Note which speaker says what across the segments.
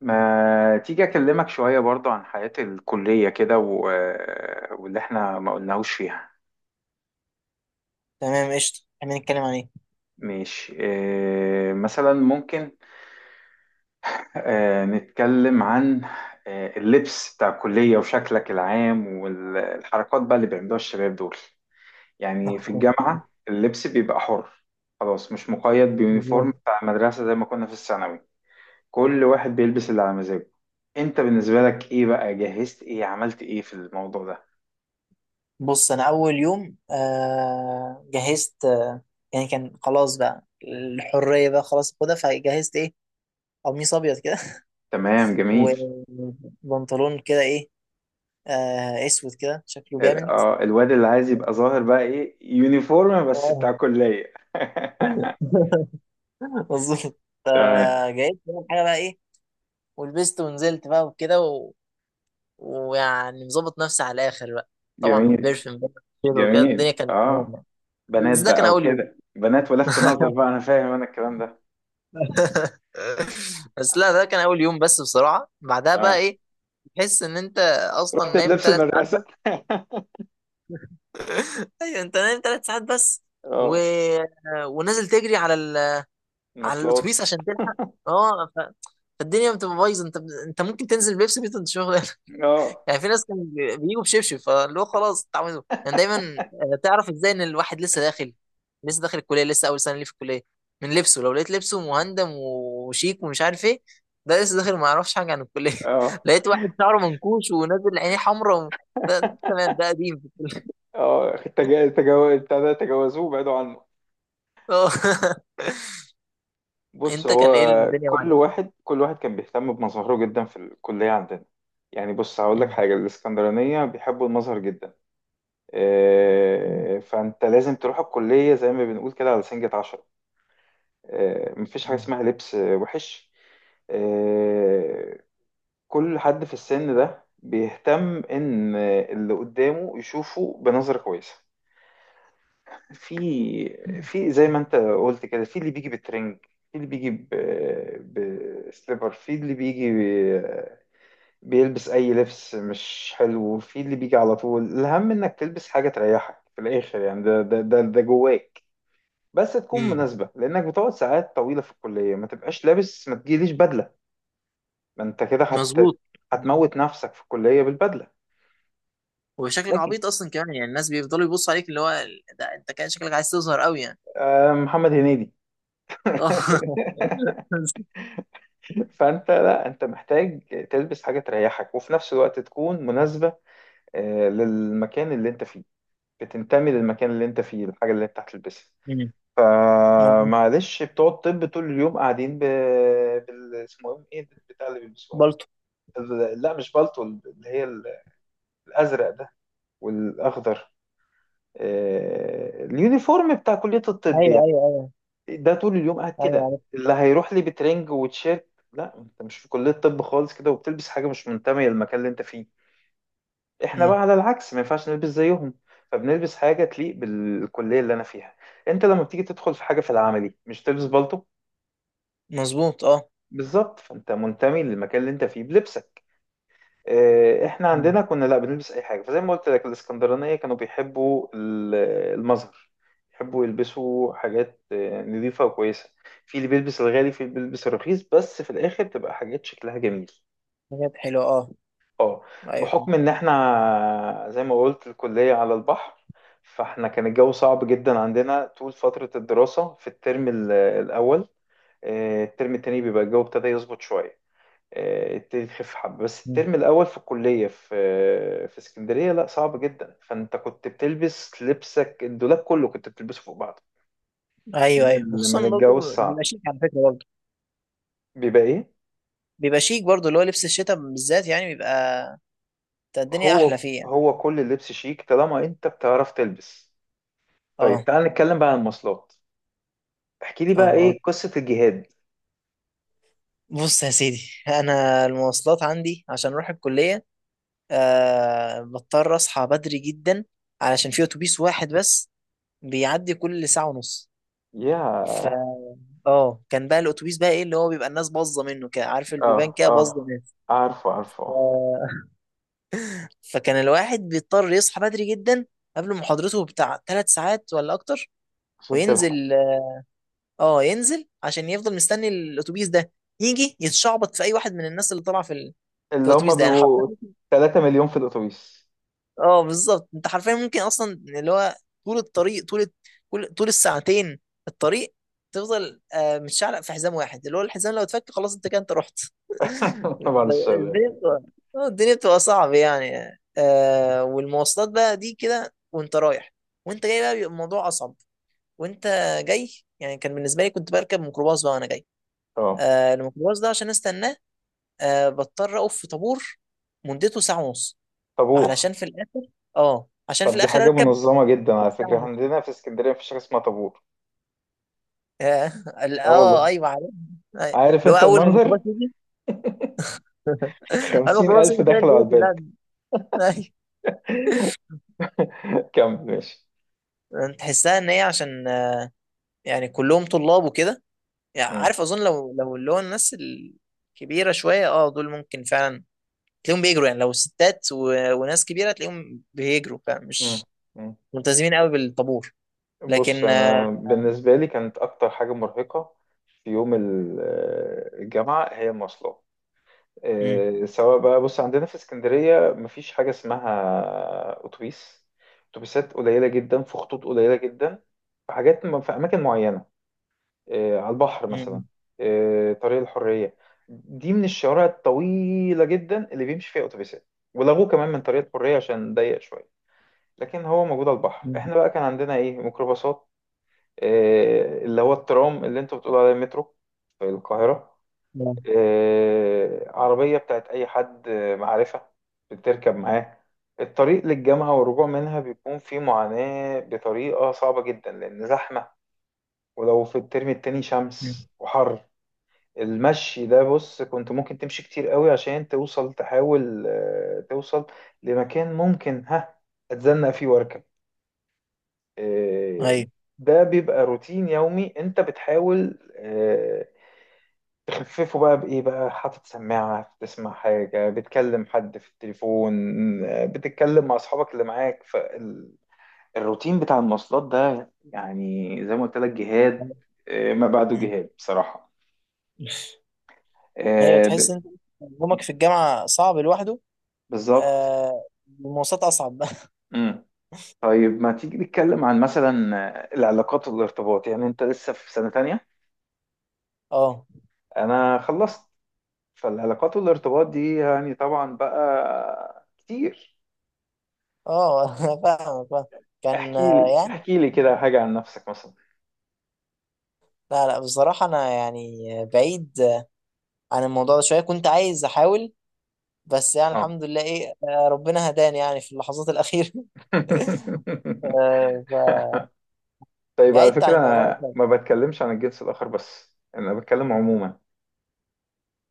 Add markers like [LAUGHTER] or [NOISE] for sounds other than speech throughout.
Speaker 1: ما تيجي أكلمك شوية برضو عن حياة الكلية كده واللي احنا ما قلناهوش فيها.
Speaker 2: تمام قشطة، خلينا نتكلم عن ايه؟
Speaker 1: ماشي، مثلا ممكن اه نتكلم عن اه اللبس بتاع الكلية وشكلك العام والحركات بقى اللي بيعملوها الشباب دول. يعني في الجامعة اللبس بيبقى حر، خلاص مش مقيد بيونيفورم
Speaker 2: [LAUGHS]
Speaker 1: بتاع المدرسة زي ما كنا في الثانوي. كل واحد بيلبس اللي على مزاجه. انت بالنسبة لك ايه بقى، جهزت ايه، عملت ايه في الموضوع ده؟
Speaker 2: بص، انا اول يوم جهزت. يعني كان خلاص بقى الحرية بقى، خلاص خدها، فجهزت ايه، قميص ابيض كده.
Speaker 1: تمام،
Speaker 2: [LAUGHS]
Speaker 1: جميل.
Speaker 2: وبنطلون كده ايه، اسود كده شكله جامد.
Speaker 1: الواد اللي عايز يبقى ظاهر بقى ايه، يونيفورم بس
Speaker 2: آه.
Speaker 1: بتاع كلية. [LAUGHS]
Speaker 2: [LAUGHS] مظبوط.
Speaker 1: تمام،
Speaker 2: فجهزت كل حاجة بقى ايه، ولبست ونزلت بقى وكده و... ويعني مظبط نفسي على الاخر بقى. طبعا
Speaker 1: جميل
Speaker 2: بيرفيوم بقى، كده وكده الدنيا
Speaker 1: جميل.
Speaker 2: كانت تمام
Speaker 1: اه
Speaker 2: يعني.
Speaker 1: بنات
Speaker 2: بس ده
Speaker 1: بقى
Speaker 2: كان اول يوم.
Speaker 1: وكده، بنات ولفت نظر
Speaker 2: [LAUGHS]
Speaker 1: بقى، انا فاهم انا الكلام ده.
Speaker 2: [LAUGHS] بس لا، ده كان اول يوم بس، بصراحه بعدها بقى
Speaker 1: تمام.
Speaker 2: ايه، تحس ان انت اصلا نايم
Speaker 1: لبس
Speaker 2: 3 ساعات
Speaker 1: المدرسة.
Speaker 2: بس. ايوه، انت نايم 3 ساعات بس، و...
Speaker 1: اه.
Speaker 2: ونازل تجري على ال... على
Speaker 1: المواصلات.
Speaker 2: الاتوبيس عشان تلحق. اه ف... فالدنيا بتبقى بايظه، انت انت ممكن تنزل بيبسي بيت انت شغل.
Speaker 1: اه.
Speaker 2: يعني في ناس كانوا بيجوا بشبشب، فاللي هو خلاص اتعودوا يعني دايما، تعرف ازاي ان الواحد لسه داخل، لسه داخل الكليه، لسه اول سنه ليه في الكليه، من لبسه. لو لقيت لبسه مهندم وشيك ومش عارف ايه، ده لسه داخل ما يعرفش حاجه عن الكليه.
Speaker 1: اه.
Speaker 2: [LAUGHS] لقيت واحد شعره منكوش ونازل عينيه حمراء و... ده تمام ده قديم في الكليه.
Speaker 1: بتاع ده تجاوزوه بعدوا عنه.
Speaker 2: [LAUGHS] اه.
Speaker 1: بص
Speaker 2: انت
Speaker 1: هو،
Speaker 2: كان ايه الدنيا معاك؟
Speaker 1: كل واحد كل واحد كان بيهتم بمظهره جدا في الكلية عندنا. يعني بص هقول لك
Speaker 2: مم.
Speaker 1: حاجة، الإسكندرانية بيحبوا المظهر جدا. فانت لازم تروح الكلية زي ما بنقول كده على سنجة عشرة. مفيش حاجة اسمها لبس وحش. آه، كل حد في السن ده بيهتم ان اللي قدامه يشوفه بنظرة كويسة. في في زي ما انت قلت كده، في اللي بيجي بترنج، في اللي بيجي بسليبر، في اللي بيجي ب- بيلبس اي لبس مش حلو، في اللي بيجي على طول. الاهم انك تلبس حاجة تريحك في الاخر يعني، ده جواك. بس تكون
Speaker 2: مم.
Speaker 1: مناسبة لأنك بتقعد ساعات طويلة في الكلية، ما تبقاش لابس، ما تجيليش بدلة. ما أنت كده
Speaker 2: مظبوط.
Speaker 1: هتموت نفسك في الكلية بالبدلة.
Speaker 2: وشكلك
Speaker 1: لكن
Speaker 2: عبيط اصلا كمان يعني، الناس بيفضلوا يبصوا عليك اللي هو، ده انت كان شكلك عايز تظهر قوي يعني.
Speaker 1: محمد هنيدي. [LAUGHS]
Speaker 2: اه. [LAUGHS]
Speaker 1: فأنت، لا أنت محتاج تلبس حاجة تريحك وفي نفس الوقت تكون مناسبة للمكان اللي أنت فيه، بتنتمي للمكان اللي أنت فيه الحاجة اللي أنت هتلبسها.
Speaker 2: مم. مظبوط.
Speaker 1: فمعلش، بتوع الطب طول اليوم قاعدين اسمه إيه، إيه البتاع اللي بيلبسوها
Speaker 2: بالطو.
Speaker 1: دي؟ لا مش بالطو، اللي هي الازرق ده والاخضر. اليونيفورم بتاع كلية الطب
Speaker 2: ايوه
Speaker 1: يعني.
Speaker 2: ايوه ايوه.
Speaker 1: ده طول اليوم قاعد
Speaker 2: ايوه
Speaker 1: كده،
Speaker 2: عارف.
Speaker 1: اللي هيروح لي بترنج وتشيرت، لا انت مش في كلية طب خالص كده وبتلبس حاجة مش منتمية للمكان اللي انت فيه. احنا
Speaker 2: مم.
Speaker 1: بقى على العكس ما ينفعش نلبس زيهم، فبنلبس حاجة تليق بالكلية اللي انا فيها. انت لما بتيجي تدخل في حاجة في العملي مش تلبس بالطو؟
Speaker 2: مظبوط. اه.
Speaker 1: بالظبط، فانت منتمي للمكان اللي انت فيه بلبسك. احنا
Speaker 2: مم.
Speaker 1: عندنا كنا لا بنلبس اي حاجه، فزي ما قلت لك الاسكندرانيه كانوا بيحبوا المظهر. يحبوا يلبسوا حاجات نظيفه وكويسه. في اللي بيلبس الغالي، في اللي بيلبس الرخيص، بس في الاخر تبقى حاجات شكلها جميل.
Speaker 2: حاجات حلوه، اه.
Speaker 1: اه.
Speaker 2: ايوه فاهم.
Speaker 1: بحكم ان احنا زي ما قلت الكليه على البحر، فاحنا كان الجو صعب جدا عندنا طول فتره الدراسه في الترم الاول. الترم التاني بيبقى الجو ابتدى يظبط شويه، يبتدي تخف حبة. بس
Speaker 2: مم.
Speaker 1: الترم الأول في الكلية في اسكندرية لا، صعب جدا. فأنت كنت بتلبس لبسك، الدولاب كله كنت بتلبسه فوق بعض
Speaker 2: ايوه ايوه،
Speaker 1: من
Speaker 2: وخصوصا
Speaker 1: الجو
Speaker 2: برضه
Speaker 1: الصعب،
Speaker 2: بيبقى شيك على فكره برضه.
Speaker 1: بيبقى إيه.
Speaker 2: بيبقى شيك برضه، اللي هو لبس الشتاء بالذات يعني بيبقى بتاع الدنيا احلى
Speaker 1: هو
Speaker 2: فيه يعني.
Speaker 1: هو كل اللبس شيك طالما أنت بتعرف تلبس. طيب
Speaker 2: اه
Speaker 1: تعال نتكلم بقى عن المواصلات. احكي لي
Speaker 2: اه
Speaker 1: بقى
Speaker 2: اه.
Speaker 1: إيه قصة الجهاد.
Speaker 2: بص يا سيدي، انا المواصلات عندي عشان اروح الكليه، بضطر اصحى بدري جدا، علشان في اتوبيس واحد بس بيعدي كل ساعه ونص.
Speaker 1: يا.
Speaker 2: اه، كان بقى الاتوبيس بقى ايه اللي هو، بيبقى الناس باظه منه كده، عارف البيبان
Speaker 1: اه.
Speaker 2: كده باظه
Speaker 1: اه.
Speaker 2: ناس.
Speaker 1: عارفه عارفه
Speaker 2: ف...
Speaker 1: آه.
Speaker 2: [LAUGHS] فكان الواحد بيضطر يصحى بدري جدا قبل محاضرته بتاع 3 ساعات ولا اكتر.
Speaker 1: عشان تلحق.
Speaker 2: وينزل، اه، ينزل عشان يفضل مستني الاتوبيس ده يجي، يتشعبط في اي واحد من الناس اللي طالعه في ال... في
Speaker 1: اللي هم
Speaker 2: الاتوبيس ده، يعني حرفيا.
Speaker 1: بيبقوا 3 مليون في الأتوبيس.
Speaker 2: اه بالظبط، انت حرفيا ممكن اصلا اللي هو، طول الطريق، طول كل طول الساعتين الطريق تفضل متشعلق في حزام واحد، اللي هو الحزام لو اتفك خلاص انت كده انت رحت.
Speaker 1: [LAUGHS] بعد
Speaker 2: [LAUGHS]
Speaker 1: الشر يعني.
Speaker 2: الدنيا بتبقى، الدنيا بتبقى صعبة يعني، والمواصلات بقى دي كده وانت رايح، وانت جاي بقى بيبقى الموضوع اصعب. وانت جاي، يعني كان بالنسبة لي كنت بركب ميكروباص بقى وانا جاي.
Speaker 1: اه.
Speaker 2: الميكروباص ده، عشان استناه بضطر اقف في طابور، مدته ساعة ونص،
Speaker 1: طابور.
Speaker 2: علشان في الاخر، اه عشان في
Speaker 1: طب دي
Speaker 2: الاخر
Speaker 1: حاجة
Speaker 2: اركب.
Speaker 1: منظمة جدا على
Speaker 2: ساعه
Speaker 1: فكرة، احنا
Speaker 2: ونص.
Speaker 1: عندنا في اسكندرية مفيش حاجة اسمها طابور.
Speaker 2: اه،
Speaker 1: اه والله.
Speaker 2: ايوه عارف. أيوة.
Speaker 1: عارف
Speaker 2: اللي هو
Speaker 1: انت
Speaker 2: اول ما
Speaker 1: المنظر،
Speaker 2: الميكروباص يجي، [LAUGHS] اول ما
Speaker 1: خمسين
Speaker 2: الميكروباص
Speaker 1: ألف
Speaker 2: يجي تلاقي
Speaker 1: دخلوا على
Speaker 2: الدنيا
Speaker 1: الباب.
Speaker 2: كلها. [LAUGHS] أيوة.
Speaker 1: [LAUGHS] كمل ماشي.
Speaker 2: يعني تحسها ان هي عشان، يعني كلهم طلاب وكده. يعني
Speaker 1: مم.
Speaker 2: عارف اظن، لو اللي هو الناس الكبيره شويه، دول ممكن فعلا تلاقيهم بيجروا، يعني لو ستات و... وناس كبيره تلاقيهم بيجروا فعلا،
Speaker 1: مم.
Speaker 2: مش
Speaker 1: مم.
Speaker 2: ملتزمين قوي بالطابور.
Speaker 1: بص
Speaker 2: لكن آه،
Speaker 1: أنا بالنسبة لي كانت أكتر حاجة مرهقة في يوم الجامعة، هي المواصلات.
Speaker 2: مم،
Speaker 1: سواء بقى، بص عندنا في اسكندرية مفيش حاجة اسمها أتوبيس. أتوبيسات قليلة جدا، في خطوط قليلة جدا، في حاجات في أماكن معينة، على البحر مثلا.
Speaker 2: مم،
Speaker 1: طريق الحرية، دي من الشوارع الطويلة جدا اللي بيمشي فيها أتوبيسات، ولغوه كمان من طريق الحرية عشان ضيق شوية. لكن هو موجود على البحر.
Speaker 2: مم،
Speaker 1: احنا بقى كان عندنا ايه، ميكروباصات. اللي هو الترام، اللي انتوا بتقولوا عليه مترو في القاهرة.
Speaker 2: مم،
Speaker 1: عربية بتاعت أي حد معرفة بتركب معاه. الطريق للجامعة والرجوع منها بيكون فيه معاناة بطريقة صعبة جدا لأن زحمة. ولو في الترم التاني
Speaker 2: مم.
Speaker 1: شمس وحر، المشي ده، بص، كنت ممكن تمشي كتير قوي عشان توصل، تحاول توصل لمكان ممكن ها اتزنق فيه واركب. آه،
Speaker 2: ايوه.
Speaker 1: ده بيبقى روتين يومي، انت بتحاول تخففه بقى بإيه بقى، حاطط سماعة بتسمع حاجة، بتكلم حد في التليفون، بتتكلم مع أصحابك اللي معاك. فالروتين بتاع المواصلات ده يعني زي ما قلت لك، جهاد، ما بعده
Speaker 2: مم.
Speaker 1: جهاد بصراحة.
Speaker 2: ايوه،
Speaker 1: آه،
Speaker 2: تحس
Speaker 1: ب-
Speaker 2: ان يومك في الجامعه صعب لوحده.
Speaker 1: بالظبط.
Speaker 2: آه المواصلات اصعب. [LAUGHS]
Speaker 1: طيب ما تيجي نتكلم عن مثلا العلاقات والارتباط. يعني انت لسه في سنة تانية،
Speaker 2: اه
Speaker 1: انا خلصت. فالعلاقات والارتباط دي يعني طبعا بقى كتير.
Speaker 2: اه. [LAUGHS] أنا فاهمك، فاهم. كان
Speaker 1: احكي لي
Speaker 2: يعني،
Speaker 1: احكي لي كده حاجة عن نفسك مثلا.
Speaker 2: لا لا، بصراحه انا يعني بعيد، عن الموضوع ده شويه. كنت عايز احاول، بس يعني
Speaker 1: اه.
Speaker 2: الحمد لله ايه، ربنا هداني يعني في اللحظات الاخيره. [LAUGHS]
Speaker 1: [LAUGHS]
Speaker 2: آه.
Speaker 1: طيب على
Speaker 2: فبعدت عن
Speaker 1: فكرة
Speaker 2: الموضوع ده
Speaker 1: انا
Speaker 2: شويه.
Speaker 1: ما بتكلمش عن الجنس الاخر بس، انا بتكلم عموما.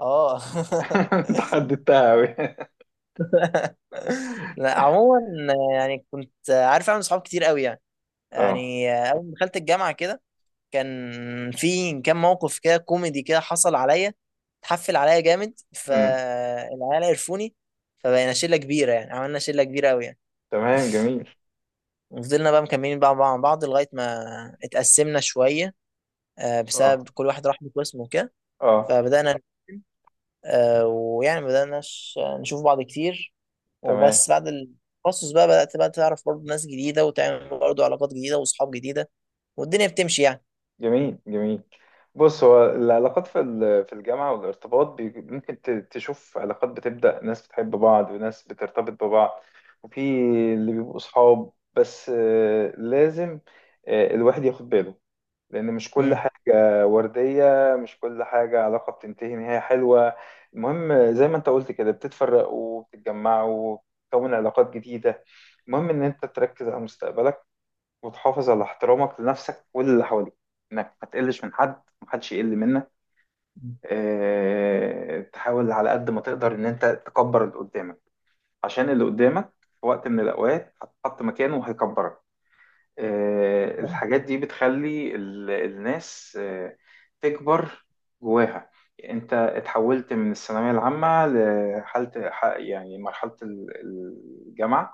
Speaker 2: اه.
Speaker 1: [LAUGHS] انت حددتها قوي. [LAUGHS]
Speaker 2: [LAUGHS] لا عموما، يعني كنت عارف اعمل صحاب كتير قوي يعني.
Speaker 1: اه.
Speaker 2: يعني اول ما دخلت الجامعه كده، كان موقف كده كوميدي كده حصل عليا، اتحفل عليا جامد
Speaker 1: أمم.
Speaker 2: فالعيال عرفوني، فبقينا شلة كبيرة يعني، عملنا شلة كبيرة أوي يعني.
Speaker 1: تمام، جميل.
Speaker 2: وفضلنا بقى مكملين بقى مع بعض لغاية ما اتقسمنا شوية، بسبب
Speaker 1: اه.
Speaker 2: كل واحد راح بقسمه كده.
Speaker 1: اه.
Speaker 2: فبدأنا ويعني بدأنا نشوف بعض كتير.
Speaker 1: تمام،
Speaker 2: وبس بعد التخصص بقى بدأت بقى تعرف برضه ناس جديدة، وتعمل برضه علاقات جديدة وأصحاب جديدة والدنيا بتمشي يعني.
Speaker 1: جميل جميل. بص هو العلاقات في في الجامعة والارتباط ممكن تشوف علاقات بتبدأ، ناس بتحب بعض وناس بترتبط ببعض. وفي اللي بيبقوا صحاب بس. لازم الواحد ياخد باله، لأن مش كل
Speaker 2: امم
Speaker 1: حاجة وردية، مش كل حاجة علاقة بتنتهي نهاية حلوة. المهم زي ما انت قلت كده، بتتفرقوا وبتتجمعوا وبتكون علاقات جديدة. المهم ان انت تركز على مستقبلك، وتحافظ على احترامك لنفسك واللي حواليك، انك ما تقلش من حد، محدش يقل منك. اه، تحاول على قد ما تقدر ان انت تكبر اللي قدامك، عشان اللي قدامك في وقت من الاوقات هتحط مكانه وهيكبرك. الحاجات دي بتخلي الناس تكبر جواها. انت اتحولت من الثانوية العامة لحالة يعني مرحلة الجامعة.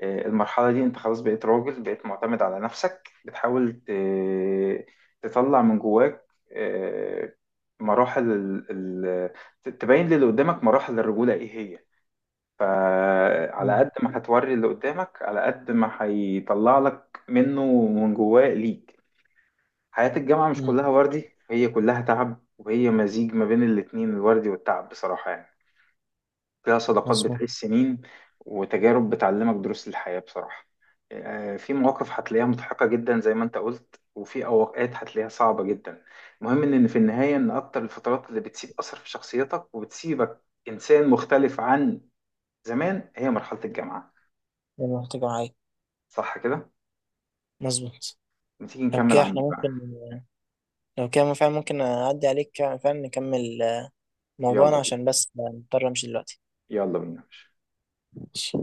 Speaker 1: المرحلة دي انت خلاص بقيت راجل، بقيت معتمد على نفسك، بتحاول تطلع من جواك. آه، مراحل تبين للي قدامك مراحل الرجولة ايه هي. فعلى
Speaker 2: امم
Speaker 1: قد ما هتوري اللي قدامك، على قد ما هيطلع لك منه من جواه ليك. حياة الجامعة مش
Speaker 2: امم.
Speaker 1: كلها وردي، هي كلها تعب، وهي مزيج ما بين الاتنين، الوردي والتعب بصراحة يعني. فيها صداقات
Speaker 2: مظبوط.
Speaker 1: بتعيش سنين، وتجارب بتعلمك دروس الحياة بصراحة. في مواقف هتلاقيها مضحكة جدا زي ما انت قلت، وفي أوقات هتلاقيها صعبة جدا. المهم ان في النهاية، ان اكتر الفترات اللي بتسيب أثر في شخصيتك وبتسيبك إنسان مختلف عن زمان، هي مرحلة الجامعة.
Speaker 2: يلا محتاجة معايا.
Speaker 1: صح كده؟
Speaker 2: مظبوط.
Speaker 1: ما تيجي
Speaker 2: لو
Speaker 1: نكمل
Speaker 2: كده احنا
Speaker 1: عندي بقى.
Speaker 2: ممكن، لو كده فعلا ممكن أعدي عليك، فعلا نكمل موضوعنا،
Speaker 1: يلا بينا.
Speaker 2: عشان بس مضطر أمشي دلوقتي.
Speaker 1: يلا بينا.
Speaker 2: ماشي.